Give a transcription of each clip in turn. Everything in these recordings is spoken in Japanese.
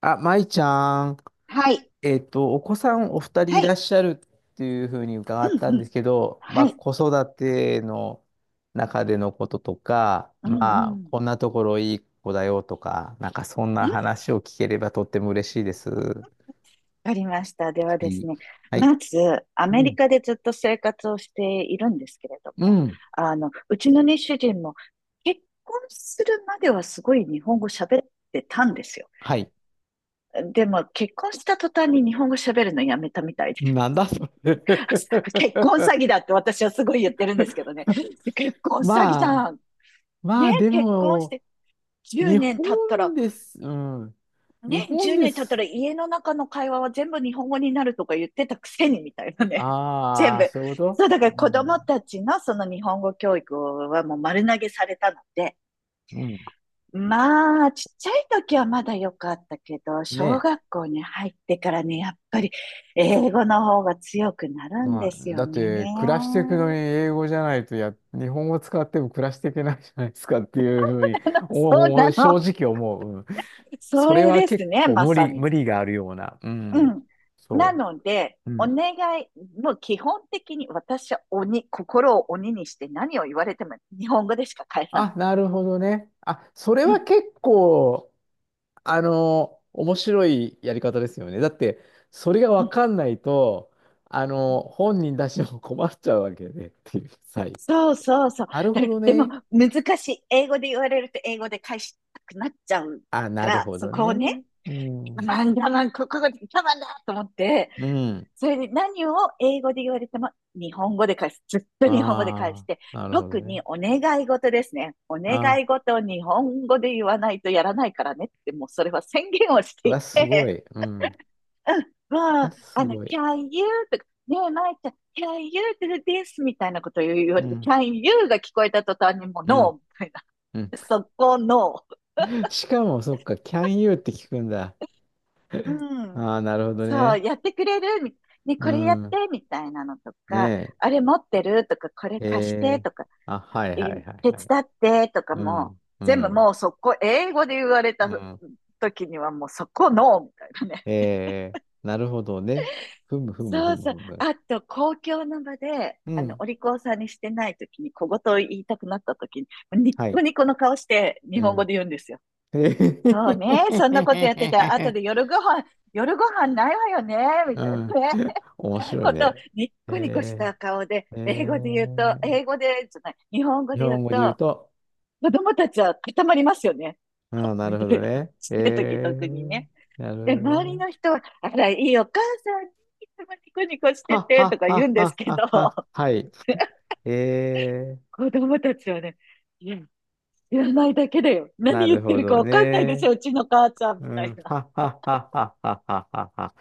あ、舞ちゃん、はい。お子さんお二人いはらっい。しゃるっていうふうに伺ったうんんうでん。すけど、まあ、はい。子育ての中でのこととか、うんうまあ、ん。こんなところいい子だよとか、なんかそん うなん話を聞ければとっても嬉しいです。はわかりました。ではですい。ね、はい。まず、アうメん。リカでずっと生活をしているんですけれどうも、ん。うちのね、主人も結婚するまではすごい日本語喋ってたんですよ。はい。でも、結婚した途端に日本語喋るのやめたみたいで、なんだそれ。 結婚詐欺だって私はすごい言ってるんですけどね、結婚詐欺じまあ、ゃん。まね、あ、で結婚しも、て10日年経った本ら、です。うん。日ね、本10で年経ったす。ら家の中の会話は全部日本語になるとか言ってたくせにみたいなね。全ああ、部。そういうこと。そう、だかうら子供ん。たちのその日本語教育はもう丸投げされたので、うん。まあ、ちっちゃい時はまだ良かったけど、ね小え。学校に入ってからね、やっぱり英語の方が強くなるんまであ、すだよっね。て、暮らしていくのに英語じゃないとや、日本語使っても暮らしていけないじゃないですかっていうふうに、そおうおな正の。直思う。うん。そそれれはです結ね、構ま無さ理、に。無理があるような。ううん。ん。なそので、う。うおん。願い、もう基本的に私は鬼、心を鬼にして何を言われても日本語でしか返さあ、ない。なるほどね。あ、それうはん、結構、面白いやり方ですよね。だって、それがうわん、かんないと、うん。本人たちも困っちゃうわけでっていう。はい。そうそうそう。なるだほからどでもね。難しい。英語で言われると英語で返したくなっちゃうあ、かなるら、ほそどこをね。ね、うん。なんだなん、ここが我慢だと思って、うん。それで何を英語で言われても日本語で返す。ずっと日本語で返しあて、あ、なるほど特ね。にお願い事ですね。おあ願い事を日本語で言わないとやらないからねって、もうそれは宣言をしあ、ていわ、すごて、い。うん。もわ、う、すごい。can you? とか、ねえ、まいちゃん、can you do this? みたいなことを言わうれて、ん。can you? が聞こえた途端にもう う no! ん。みたいうん。な。そこの、しかも、そっか、can you って聞くんだ。うん、ああ、なるほどそう、ね。やってくれるみたいな。ね、うこれやっん。てみたいなのとか、ねあれ持ってるとか、これえ。貸してえー。とか、あ、はい手はいはいはい。伝ってとかうも、ん。う全部ん。もうそこ、英語で言われたうん。時にはもうそこの、みたいなね。えー、なるほどね。ふむふむそふうむそう。ふむ。あと、公共の場で、うん。お利口さんにしてない時に、小言を言いたくなった時に、ニッはコい。ニコの顔して日う本語ん。で言うんですよ。えへへそうね。そへんなことへやってへたへら、後へ。で夜ご飯、夜ご飯ないわよね、みうたいなん。ね。面 白いことをね。ニッコニコしえた顔で、ー、え英語で言うと、ー、英語で、じゃない、日本語日で言本う語で言うと、と、子供たちは固まりますよね。ああ、なるみほたどいな。ちっね。ちゃい時特にね。なるほで、周どりね。の人は、あら、いいお母さん、いつもニコニコしてはて、とはか言うはんですはけど、はは。はい。えー、子供たちはね、いや、知らないだけだよ。何な言っるてほるかどわかんないでしね。ょ、うちの母ちゃん、うみたいん。な。はははははははは。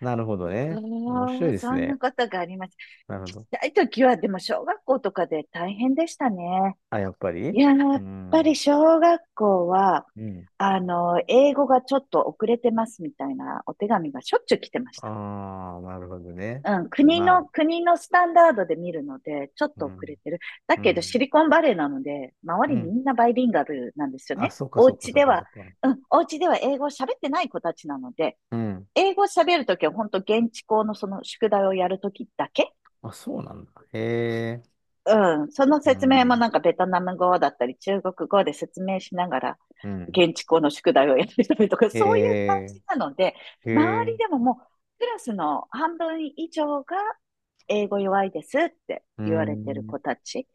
なるほどあね。面白いあ、ですそんなね。ことがあります。なるほちっど。ちゃい時は、でも小学校とかで大変でしたね。あ、やっぱいり。や、やうっぱりん。小学校は、うん。英語がちょっと遅れてますみたいなお手紙がしょっちゅう来てました。ああ、なるほどね。うん、まあ、国のスタンダードで見るので、ちょっうと遅れん。てる。だうけど、ん。シリコンバレーなので、周うりみん。んなバイリンガルなんですよあ、ね。そっかおそっか家そっでかそは、っか。うん、お家では英語を喋ってない子たちなので、うん。英語を喋るときは本当現地校のその宿題をやるときだけあ、そうなんだ。へえ。うん。そのう説明もん。なんかベトナム語だったり中国語で説明しながらうん。現地校の宿題をやってたりとか、へそういう感え。じなので、へ周りえ。でももうクラスの半分以上が英語弱いですってう言われてるん。子たち。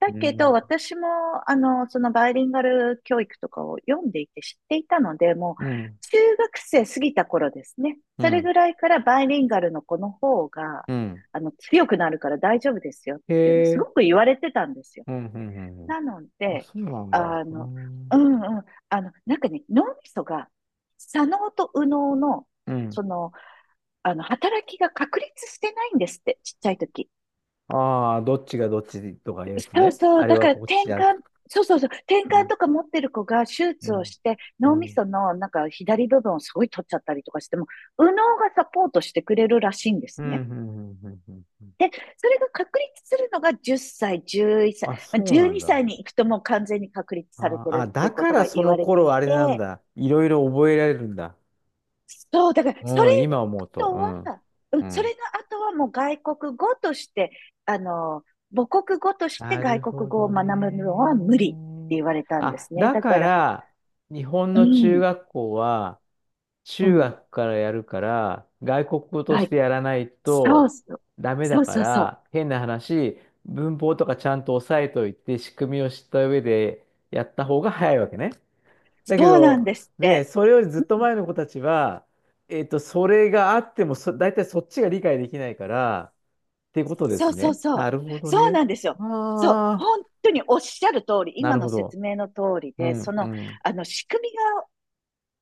だうけど、ん。私も、そのバイリンガル教育とかを読んでいて知っていたので、もう、うん。中学生過ぎた頃ですね。うそれん。ぐらいからバイリンガルの子の方が、うん。強くなるから大丈夫ですよっへていうのをすごえ。く言われてたんですよ。うん。うん。うんうん。なのあ、で、そうなんだ。あうの、うん。んうん、なんかね、脳みそが、左脳と右脳の、うそん。の、働きが確立してないんですって、ちっちゃい時。ああ、どっちがどっちとかいうやつそうね。そあう、れだかはらこっ転ちだ。換、そうそうそう、転う換ん。とか持ってる子が手う術をん。して、う脳みん。そのなんか左部分をすごい取っちゃったりとかしても、右脳がサポートしてくれるらしいんですうん。うね。ん。うん。うんうん。で、それが確立するのが10歳、11歳、あ、まあ、そう12なんだ。歳にさいに行くともう完全に確立されあてーあ、るっていだうこかとらがそ言のわれてい頃あれなんて、だ。いろいろ覚えられるんだ。そう、だから、そうれん。今思うと。の後うは、ん。ううんそん。れの後はもう外国語として、あの、母国語としてなる外国ほ語をど学ぶのは無理ってね。言われたんであ、すね。だだかから、ら、日本うの中ん、学校は、う中ん、学からやるから、外国語とし外、てやらないそうとそう、ダメそだうかそうそう、ら、変な話、文法とかちゃんと押さえといて、仕組みを知った上でやった方が早いわけね。だけそうなんど、ですっね、て。それよりずっうとん、前の子たちは、それがあっても大体そっちが理解できないから、ってことでそすうそうね。そなう、るほどそうね。なんですよ。そう、ああ。本当におっしゃる通り、な今るほのど。説明の通りうで、ん、うん、仕組み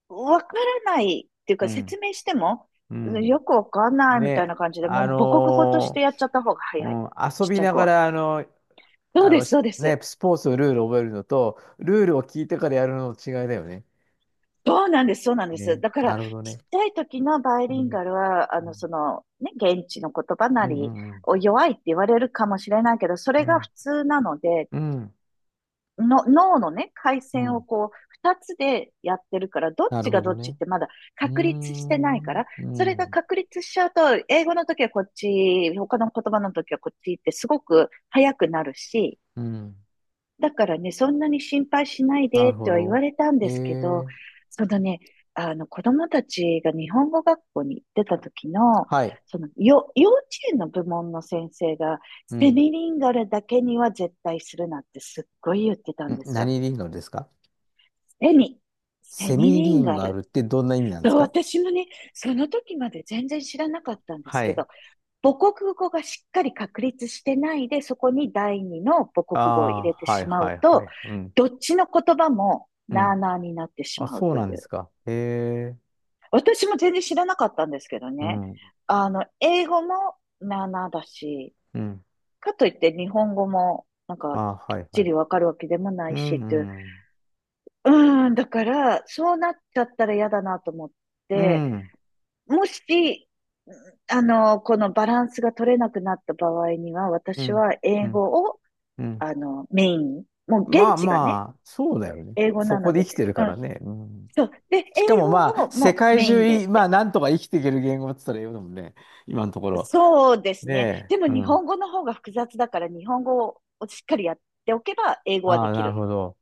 わからないっていううか説ん、明しても、ううんよん。くわかんないみたいね、な感じで、もう母国語としてやっちゃった方が早い。うん、遊ちっちびゃいな子がは。ら、そうです、しそうでね、す。スポーツのルールを覚えるのと、ルールを聞いてからやるのの違いだよね。そうなんです、そうなんです。ね、だから、なちるっほどね。ちゃい時のバイうリンん、ガルは、うん、ね、現地の言葉うなりん、を弱いって言われるかもしれないけど、そうれがん、普通なので、うん、うんの脳のね、回う線をん。こう、二つでやってるから、どっなるちほがどどっちっね。てまだうー確立してないかん、ら、うそれがん、確立しちゃうと、英語の時はこっち、他の言葉の時はこっちってすごく早くなるし、うん、だからね、そんなに心配しないなでるってほは言わど。れたんえですけど、ー、そのね、あの子供たちが日本語学校に行ってた時の、はい。そのよ、幼稚園の部門の先生が、うん。セん。ミリンガルだけには絶対するなってすっごい言ってたんですよ。何リンゴですか？セミ、セセミミリリンンガゴあル。るってどんな意味なんですそう、か？私もね、その時まで全然知らなかったんですはけい。ど、母国語がしっかり確立してないで、そこに第二の母あ国語を入れてあ、はいしまはういはと、い。うん。どっちの言葉もうなあん。なあになってしあ、まうそうといなんですう。か。へえ。私も全然知らなかったんですけどうね。ん。あの、英語もなあなあだし、うん。かといって日本語もなんあかあ、きはっいはちい。りわかるわけでもなういしん。っうていう。ん。うーん、だから、そうなっちゃったら嫌だなと思っうて、ん。もし、このバランスが取れなくなった場合には、う私ん。はう英ん。語を、うん。メインに、もうまあ現地がね、まあ、そうだよね。英語そなこのでで、生きてるうからん、ね。うん。そう。で、しか英も語まあ、を世もう界メイン中でっい、まあ、て。なんとか生きていける言語って言ったら英語だもんね。今のところ。そうですね。ねでもえ。う日ん。本語の方が複雑だから、日本語をしっかりやっておけば、英語はあであ、きなるる。ほど。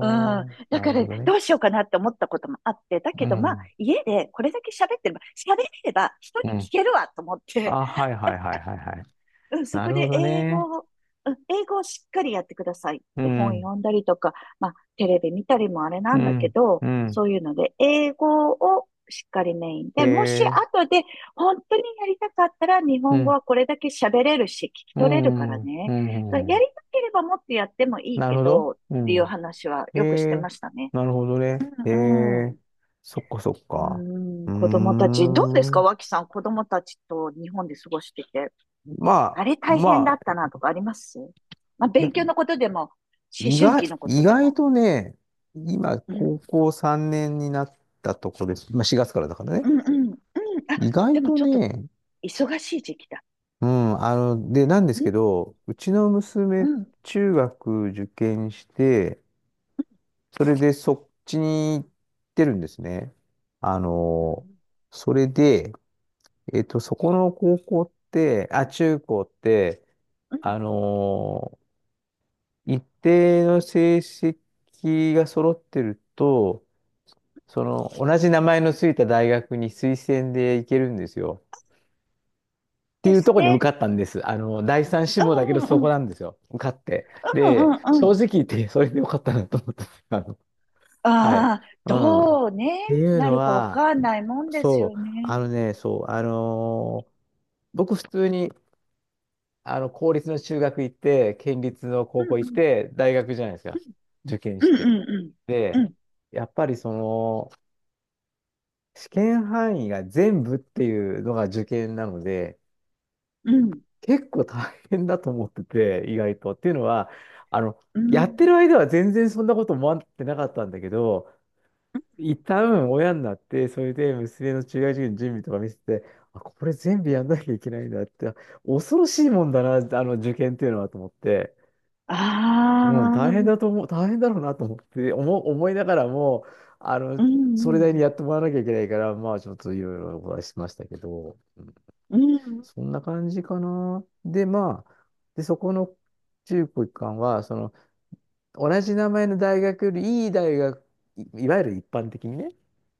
うん。ー、だなかるほら、どね。どうしようかなって思ったこともあって、だうけど、まあ、ん。家でこれだけ喋ってれば、喋れれば人にうん。聞けるわと思って、あ、はいはいはいはいはい。うん、そなこるほでど英ね。語を、うん、英語をしっかりやってくださいっうて本ん。読んだりとか、まあ、テレビ見たりもあれなうんだけん、ど、うん、そういうので、英語をしっかりメインへで、もしえ、後で本当にやりたかったら日う本語ん、はこれだけ喋れるし、聞きう取れるかん、らうん、ね。だうからやん。りたければもっとやってもいいなるけほど、ど。っうていうん。話はへよくしてまえ、したね。なるほどね。うへんうえ、ん。そっかそっうか。ーうん、ー子供たち、どうですか、ん。脇さん、子供たちと日本で過ごしてて。あまれあ、大変まだっあ、たなとかありますまあ、いや、勉強のことでも、思意春外、期のこ意とで外も。とね、今、う高ん。校3年になったとこです。今、4月からだからね。うんうん。うん。あ、意外でもとちょっとね、忙しい時期だ。うん、で、なんですうん。けど、うちのう娘、ん。中学受験して、それでそっちに行ってるんですね。あうの、ん。それで、そこの高校って、あ、中高って、うんあの、一定の成績が揃ってると、その、同じ名前のついた大学に推薦で行けるんですよ。ってでいうとすころに受ね。かったんです。第三志う望だけどんうんそうこん。なんですよ。受かって。うんうで、んう正ん。直言ってそれでよかったなと思った。はい。ああ、うん。どうね、ていうなのるかわは、かんないもんですそよう、ね。そう、僕普通に、公立の中学行って、県立のう高ん校う行っんて、大学じゃないですか。受験うしんて。うんうで、んやっぱりその、試験範囲が全部っていうのが受験なので、うんうん結構大変だと思ってて、意外と。っていうのは、あの、うやってんる間は全然そんなこと思ってなかったんだけど、うん一旦親になって、それで娘の中学受験の準備とか見せて、あ、これ全部やんなきゃいけないんだって、恐ろしいもんだな、あの受験っていうのはと思って、あうん、大あ変だーと思う、大変だろうなと思って、思いながらも、あの、うそれなりにんやってもらわなきゃいけないから、まあちょっといろいろお話ししましたけど、うんうんうんそんな感じかな。で、まあ、で、そこの中高一貫は、その、同じ名前の大学よりいい大学、いいわゆる一般的にね、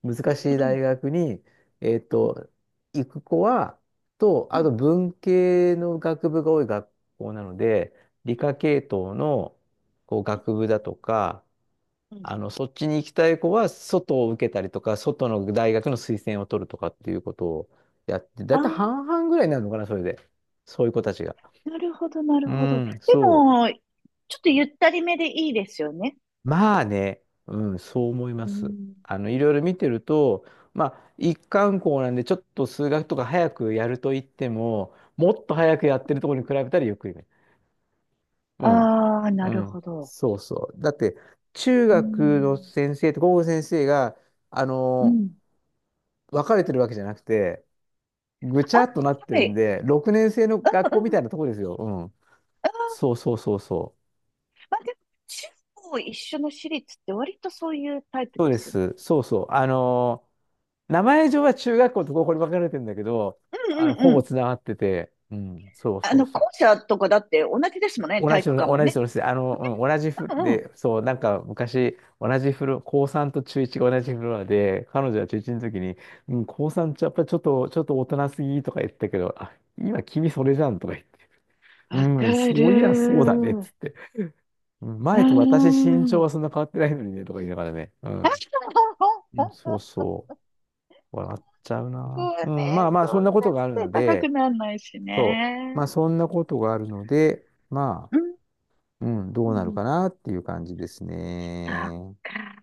難しういんうん大学に、えっと、行く子は、と、うあんと文系の学部が多い学校なので、理科系統のこう学部だとか、うんそっちに行きたい子は外を受けたりとか、外の大学の推薦を取るとかっていうことをやって、だあいたいあ、半々ぐらいになるのかな、それで。そういう子たちが。なるほど、なうるほど。ん、でそう。も、ちょっとゆったりめでいいですよね。まあね、うん、そう思いまうす。ん。いろいろ見てると、まあ、一貫校なんで、ちょっと数学とか早くやると言っても、もっと早くやってるところに比べたらゆっくりね。うん。ああ、なうるん。ほど。そうそう。だって、中う学のん。先生と高校の先生が、あうの、ん。分かれてるわけじゃなくて、ぐちあ、ゃっとなってはるんい。で、6年生のう学ん校うみん。うたんいなとこですよ。うん。そうそうそうそう。まあでも、中高一緒の私立って割とそういうタイプそうでですよね。す。そうそう。名前上は中学校と高校に分かれてるんだけど、うんうんほうぼん。つながってて、うん、そうあそうの、そ校う。舎とかだって同じですもんね、同体じ育の、館も同じね。の、うん、同じフロうんうん。で、そう、なんか昔、同じフロ、高3と中1が同じフロアで、彼女は中1の時に、うん、高3ってやっぱりちょっと、ちょっと大人すぎとか言ったけど、あ、今君それじゃんとか言って、うわかん、そういや、そる。うだね、っうつって。うん。ー前と私身ん。長 はそんな変わってないのにね、とか言いながらね。うん。うん。そうそう。笑っちゃう僕な。はうん、まね、あまあ、そそんなんこなとにがある背の高くで、ならないしまあ、ね。そんなことがあるので、まうん。あ、うん、どうそなるかなっていう感じですっね。か。